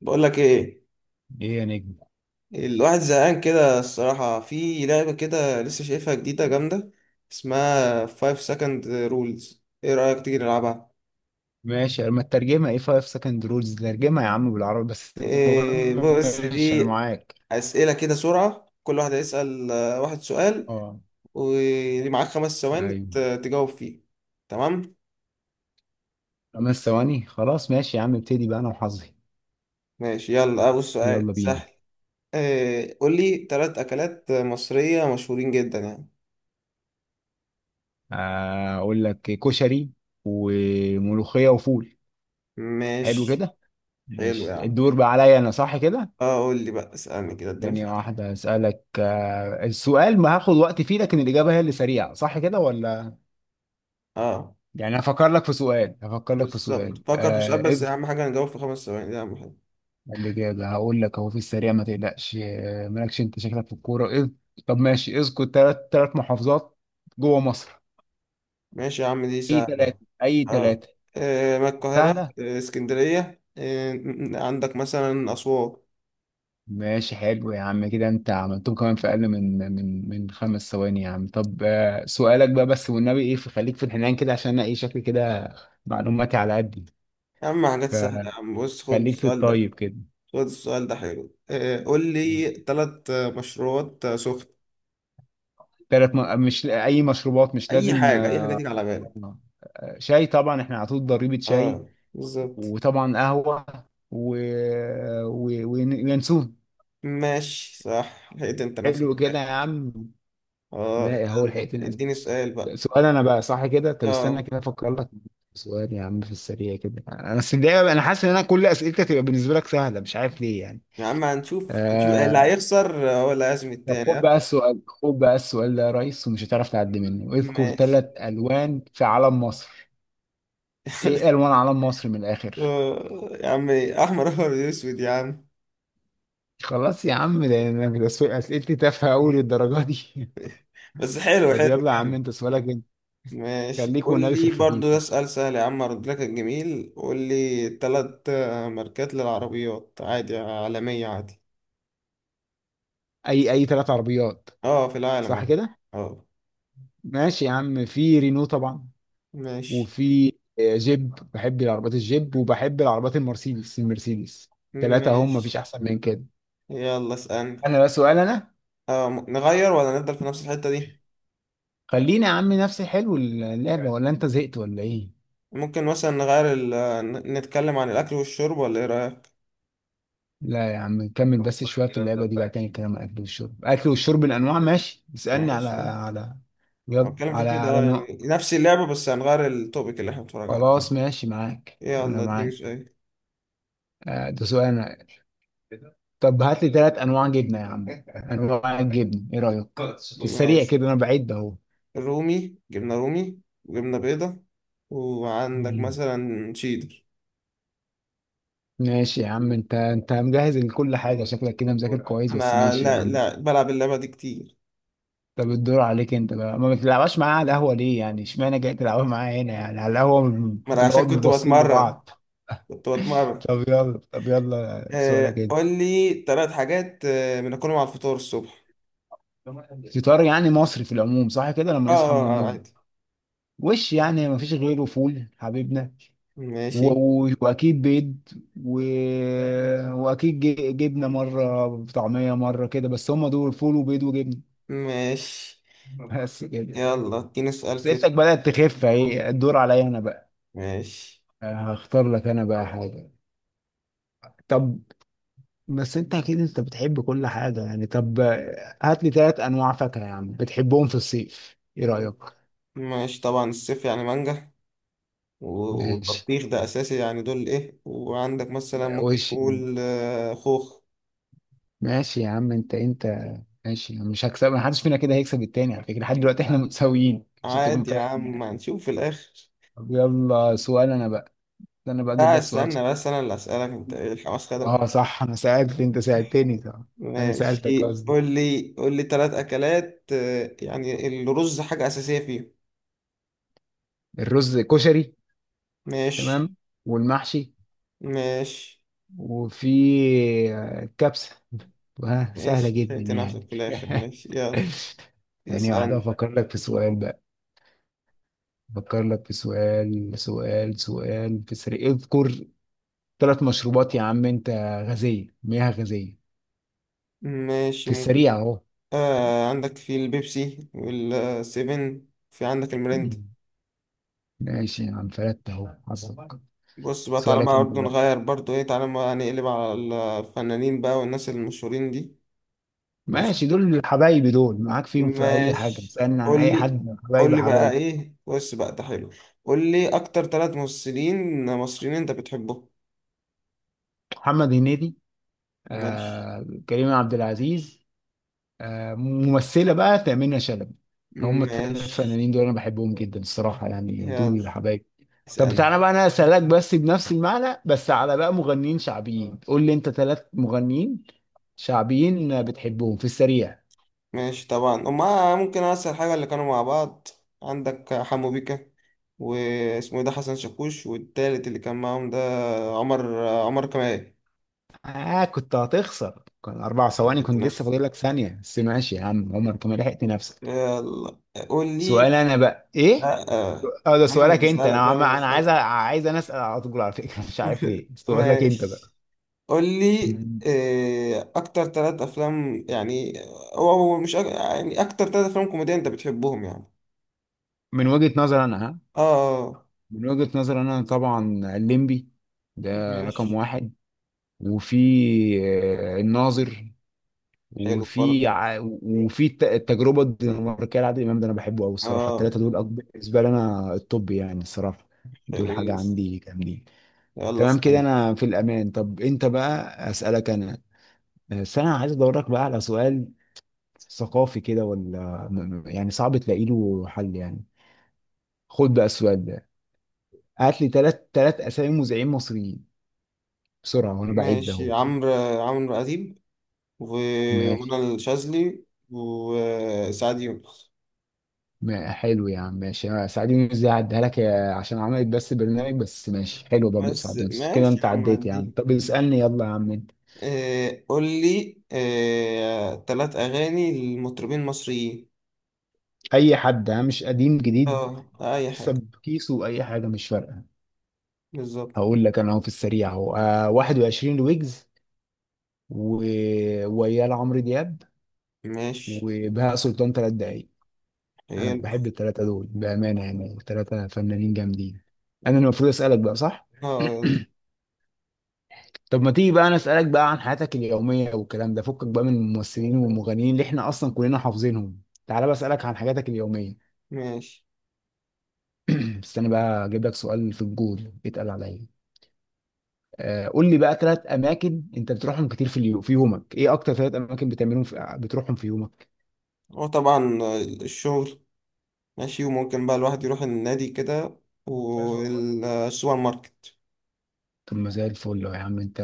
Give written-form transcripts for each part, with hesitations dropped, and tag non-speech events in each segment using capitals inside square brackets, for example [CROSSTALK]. بقول لك ايه. ايه يا نجم. الواحد زهقان كده الصراحة، في لعبة كده لسه شايفها جديدة جامدة، اسمها 5 second rules. ايه رأيك تيجي نلعبها؟ ماشي، اما الترجمة ايه؟ 5 سكند رولز، ترجمة يا عم بالعربي، بس إيه، المهم بص ماشي دي انا معاك. أسئلة كده سرعة. كل واحد هيسأل واحد سؤال. اه. ومعاك خمس ثواني ايوه. تجاوب فيه. تمام. خمس ثواني، خلاص ماشي يا عم، ابتدي بقى انا وحظي. ماشي، يلا أول سؤال يلا بينا. سهل. إيه، قول لي تلات أكلات مصرية مشهورين جدا يعني. اقول لك كشري وملوخية وفول. حلو ماشي، كده. حلو يا ماشي عم. الدور بقى عليا انا صح كده؟ اه، قول لي بقى، اسألني كده، اديني ثانية سؤال. واحدة اسألك. السؤال ما هاخد وقت فيه، لكن الإجابة هي اللي سريعة صح كده ولا؟ اه يعني هفكر لك في سؤال، هفكر لك في بالظبط، سؤال. فكر في سؤال، بس اهم حاجه نجاوب في خمس ثواني، دي اهم حاجه. قال لي كده هقول لك اهو في السريع، ما تقلقش. مالكش، انت شكلك في الكوره اذ. طب ماشي، اذكر ثلاث محافظات جوه مصر. ماشي يا عم، دي اي سهله. ثلاثه، اي اه، ثلاثه ما القاهره. سهله. اسكندريه، عندك مثلا اسوان. ماشي حلو يا عم، كده انت عملتهم كمان في اقل من خمس ثواني يا عم. طب، سؤالك بقى، بس والنبي ايه، فخليك في الحنان كده، عشان انا ايه شكلي كده، معلوماتي على قدي، يا عم حاجات سهله يا عم، بص خد فخليك في السؤال ده. الطيب كده. خد السؤال ده حلو. قول لي ثلاث مشروبات سخن. ثلاث مش اي مشروبات، مش اي لازم. حاجه اي حاجه تيجي على بالك. شاي طبعا، احنا على طول ضريبه شاي، اه بالظبط. وطبعا قهوة و... وينسون. ماشي صح، لقيت انت نفسك حلو في كده يا الاخر. عم. اه، لا هو يلا الحقيقتين، أسف. اديني سؤال بقى. سؤال انا بقى صح كده؟ طب استنى اه كده افكر لك سؤال يا عم في السريع كده. انا السريع، انا حاسس ان انا كل اسئلتك تبقى بالنسبه لك سهله، مش عارف ليه يعني. يا عم، هنشوف هنشوف اللي آه... هيخسر هو اللي هيعزم طب التاني خد آه. بقى السؤال، خد بقى السؤال ده يا ريس، ومش هتعرف تعدي منه. اذكر ماشي. ثلاث الوان في علم مصر. ايه [LAUGHS] الوان علم مصر من الاخر؟ يا عم احمر احمر اسود يا عم. خلاص يا عم، ده اسئلتي تافهه قوي للدرجه دي؟ بس حلو طب حلو يلا يا عم، كمل. انت سؤالك انت. ماشي، خليك قول والنبي في لي الخفيف برضو ده بقى. سؤال سهل يا عم، ارد لك الجميل. قول لي تلات ماركات للعربيات عادي، عالمية عادي. اي، اي ثلاث عربيات؟ اه في العالم صح اه. كده. آه. ماشي يا عم، في رينو طبعا، ماشي. وفي، جيب، بحب العربيات الجيب، وبحب العربيات المرسيدس، المرسيدس. ثلاثة، هم مفيش ماشي، احسن من كده. يلا اسألني. انا بقى سؤال انا. اه، نغير ولا نفضل في نفس الحتة دي؟ خلينا يا عم، نفسي، حلو اللعبة ولا انت زهقت ولا ايه؟ ممكن مثلا نغير نتكلم عن الأكل والشرب، ولا ايه رأيك؟ لا يا عم نكمل بس شوية في اللعبة دي بقى، تاني كلام اكل والشرب، اكل والشرب الانواع، ماشي اسألني على ماشي، على، أنا يلا بتكلم في على كده، على نوع. يعني نفس اللعبة بس هنغير التوبيك اللي احنا بنتفرج عليه. خلاص ماشي معاك، انا يلا اديني معاك. سؤال. ده سؤال أنا. طب هات لي ثلاث انواع جبنه يا عم، انواع [LAUGHS] الجبن ايه رايك؟ في السريع ماشي، كده، انا بعيد اهو. رومي جبنا رومي، وجبنا بيضة، وعندك مم. مثلا شيدر. ماشي يا عم، انت انت مجهز لكل حاجه شكلك كده، مذاكر كويس، بس انا ماشي يا لا عم. لا بلعب اللعبة دي كتير. طب الدور عليك انت بقى، ما بتلعبش معايا على القهوه ليه يعني؟ اشمعنى جاي تلعبها معايا هنا يعني، على القهوه ما انا عشان بنقعد كنت مبصين بتمرن، لبعض. كنت بتمرن. طب يلا، طب يلا سؤالك كده. قول لي ثلاث حاجات بناكلهم على الفطار الصبح. فطار يعني مصري في العموم صح كده، لما اه، نصحى من النوم. عادي. وش يعني، ما فيش غيره، فول حبيبنا، ماشي. واكيد بيض، و... واكيد جبنه، مره طعميه مره كده، بس هم دول فول وبيض وجبنه. ماشي، بس كده. يلا اديني سؤال بس كده. انتك بدات تخف اهي، الدور عليا انا بقى. ماشي. هختار لك انا بقى حاجه. طب، بس انت اكيد انت بتحب كل حاجه يعني، طب هات لي ثلاث انواع فاكهه يا عم بتحبهم في الصيف، ايه رايك؟ ماشي طبعا، الصيف يعني مانجا، ماشي. والبطيخ ده اساسي، يعني دول ايه، وعندك مثلا ممكن وش. نقول خوخ. ماشي يا عم، انت انت ماشي، مش هكسب، محدش فينا كده هيكسب التاني على فكره، لحد دلوقتي احنا متساويين عشان تكون عادي يا فاهم عم، يعني. هنشوف في الاخر. طب يلا سؤال انا بقى. انا بقى اجيب لا لك سؤال صعب. استنى بس، انا اللي اسالك انت، ايه الحماس خدك ولا اه إيه؟ صح، انا سألت، انت سألتني صح. انا سألتك ماشي، قصدي. قول لي ثلاث اكلات، يعني الرز حاجه اساسيه فيهم. الرز كشري. ماشي. تمام. والمحشي. ماشي. وفي، كبسة. سهلة ماشي، جدا لقيت نفسك يعني. في [LAUGHS] الاخر. ماشي، يلا ثانية واحدة اسالني. أفكر لك في سؤال بقى. أفكر لك في سؤال، سؤال سؤال في السريع. اذكر ثلاث مشروبات يا عم أنت. غازية، مياه غازية. ماشي في ممكن. السريع أهو. عندك في البيبسي والسيفن، في عندك المرند. مم. ماشي يا عم، فلت أهو حظك. بص بقى، تعالى سؤالك بقى أنت. برضه نغير، برضه ايه، تعالى بقى نقلب على الفنانين بقى والناس المشهورين دي. ماشي. ماشي، دول حبايبي دول، معاك فيهم في اي حاجه، ماشي، اسالني عن قول اي لي حد، قول حبايبي لي بقى حبايبي. ايه، بص بقى ده حلو. قول لي اكتر ثلاث ممثلين مصريين انت بتحبهم. محمد هنيدي. ماشي. آه كريم عبد العزيز. آه ممثله بقى، تامينة شلبي. هم الثلاث فنانين ماشي، دول انا بحبهم جدا الصراحه يعني، دول يلا اللي حبايبي. طب اسألني. بتاعنا بقى، انا اسالك بس بنفس المعنى، بس على بقى مغنيين شعبيين. قول لي انت ثلاث مغنيين شعبيين بتحبهم في السريع. ماشي طبعا، هما ممكن اسهل حاجة اللي كانوا مع بعض. عندك حمو بيكا، واسمه إيه ده حسن شاكوش، والتالت اللي كان معاهم ده عمر كمال. اه كنت هتخسر، كان اربع ثواني كنت [LAUGHS] لسه فاضل لك ثانيه، بس ماشي يا عم، عمر كمان لحقت نفسك. يلا قول سؤال لي. انا بقى ايه. لا. اه ده انا اللي سؤالك انت، انا اسالك، انا اللي انا عايز اسالك. عايز انا اسال على طول على فكره [LAUGHS] مش عارف ليه. [LAUGHS] سؤالك انت بقى. ماشي، قول لي مم. اكتر ثلاث افلام يعني. او أو مش أك... يعني اكتر ثلاث افلام كوميدية انت بتحبهم يعني. من وجهه نظر انا ها؟ اه آه. من وجهه نظر انا طبعا الليمبي ده، رقم ماشي، واحد. وفي، الناظر. حلو وفي برضه. التجربه الدنماركيه لعادل امام، ده انا بحبه قوي الصراحه. اه، الثلاثه دول اكبر بالنسبه لي انا الطب يعني، الصراحه دول حلو حاجه يس. عندي جامدين. يلا تمام كده اسأل. انا في الامان. طب انت بقى، اسالك انا. بس انا عايز ادور لك بقى على سؤال ثقافي كده، ولا يعني صعب تلاقي له حل يعني. خد بقى السؤال ده. هات لي ثلاث اسامي مذيعين مصريين بسرعه، وانا بعيد ده اهو. ماشي، عمرو اديب، ماشي. ومنى الشاذلي، وسعد يونس. ما حلو يا عم، ماشي، أنا سعد يونس دي هعديها لك يا عشان عملت بس برنامج، بس ماشي حلو برضو بس سعد يونس كده، ماشي يا انت عم عديت يا عم. عدي. طب اسالني، يلا يا عم انت. قول لي تلات أغاني لمطربين مصريين. اي حد ها، مش قديم جديد؟ اه أي حاجة. حسب كيسه، اي حاجه مش فارقه. بالظبط. هقول لك انا اهو في السريع اهو، آه 21 ويجز، و... ويا عمرو دياب، ماشي وبهاء سلطان، ثلاث دقايق. انا حلو. بحب الثلاثه دول بامانه يعني، ثلاثه فنانين جامدين. انا المفروض اسالك بقى صح. اه يلا. [CLEARS THROAT] طب ما تيجي بقى انا اسالك بقى عن حياتك اليوميه والكلام ده، فكك بقى من الممثلين والمغنيين اللي احنا اصلا كلنا حافظينهم، تعالى بقى اسالك عن حاجاتك اليوميه. ماشي، [CLEARS THROAT] استنى بقى اجيب لك سؤال في الجول، اتقل عليا. قول لي بقى ثلاث اماكن انت بتروحهم كتير في يومك. ايه اكتر ثلاث اماكن بتروحهم في يومك؟ هو طبعا الشغل. ماشي، وممكن بقى الواحد يروح النادي كده، والسوبر ماركت. طب ما زي الفل يا عم انت،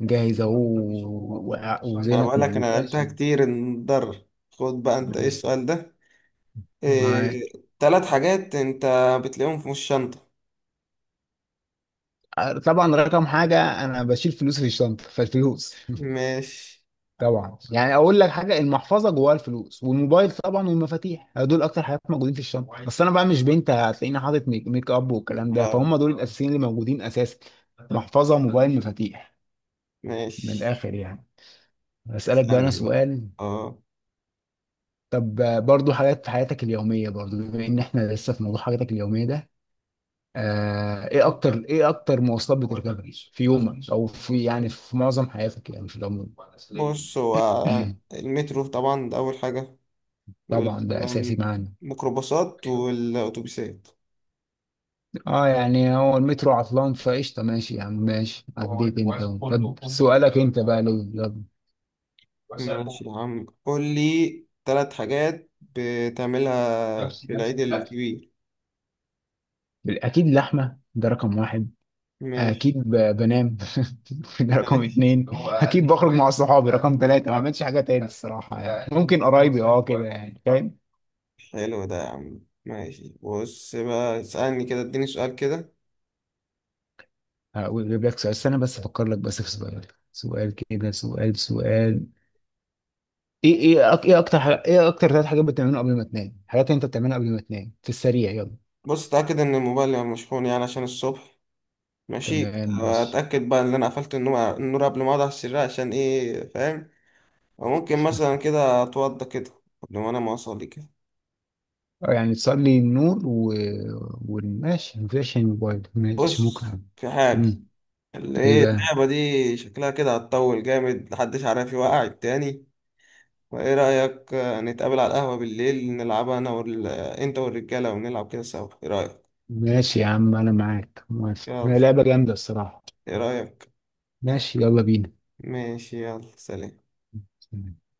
جاهز اهو، و- أنا وذهنك بقول لك أنا موجود، لعبتها ماشي. كتير نضر. خد بقى أنت إيه ماشي السؤال ده. معاك. إيه تلات حاجات أنت بتلاقيهم في الشنطة. طبعا رقم حاجة، أنا بشيل فلوسي في الشنطة، فالفلوس ماشي. طبعا، يعني أقول لك حاجة، المحفظة جواها الفلوس، والموبايل طبعا، والمفاتيح. دول أكتر حاجات موجودين في الشنطة، بس أنا بقى مش بنت هتلاقيني حاطط ميك أب والكلام ده، اه. فهم دول الأساسيين اللي موجودين أساسا. محفظة، موبايل، مفاتيح. من ماشي، الآخر يعني. أسألك بقى أنا اسألني بقى. سؤال. اه طب، برضو حاجات في حياتك اليومية، برضو بما إن إحنا لسه في موضوع حاجاتك اليومية ده. ايه اكتر مواصلات بتركبها في يومك، او في يعني في معظم حياتك يعني في العموم؟ بص، هو المترو طبعا ده أول حاجة، طبعا ده اساسي معانا. والميكروباصات والأتوبيسات. اه يعني هو المترو عطلان فقشطه، ماشي يا عم، ماشي عديت انت أهو. طب سؤالك انت بقى لو، يلا. ماشي يا عم، قول لي تلات حاجات بتعملها في العيد الكبير. اكيد لحمه، ده رقم واحد. اكيد ماشي. بنام [LAUGHS] ده رقم ماشي، اتنين. اكيد بخرج مع صحابي رقم تلاته. ما عملتش حاجه تاني الصراحه يعني، ممكن قرايبي اه كده، يعني فاهم. حلو ده يا عم. ماشي، بص بقى اسألني كده، اديني سؤال كده. اجيب لك سؤال، استنى بس افكر لك بس في سؤال. سؤال كده، سؤال سؤال. ايه ايه أك- ايه اكتر حاجة ايه اكتر ثلاث حاجات بتعملهم قبل ما تنام، حاجات انت بتعملها قبل ما تنام في السريع، يلا. بص اتأكد ان الموبايل يبقى مشحون يعني عشان الصبح. ماشي. تمام ماشي. اتأكد بقى ان انا قفلت النور قبل ما اقعد على السرير عشان ايه فاهم. وممكن مثلا كده اتوضى كده قبل ما انا ما اصلي كده. يعني تصلي النور والماشي، مفيش الموبايل، ماشي ممكن. بص في حاجة، امم اللي ايه ايه بقى؟ اللعبة دي شكلها كده هتطول جامد، محدش عارف يوقع التاني. فايه رأيك نتقابل على القهوة بالليل نلعبها انا انت والرجالة، ونلعب كده سوا، ايه رأيك؟ ماشي يا عم انا معاك موافق، يلا. هي لعبة جامدة الصراحة. ايه رأيك. ماشي يلا ماشي يلا سلام. بينا.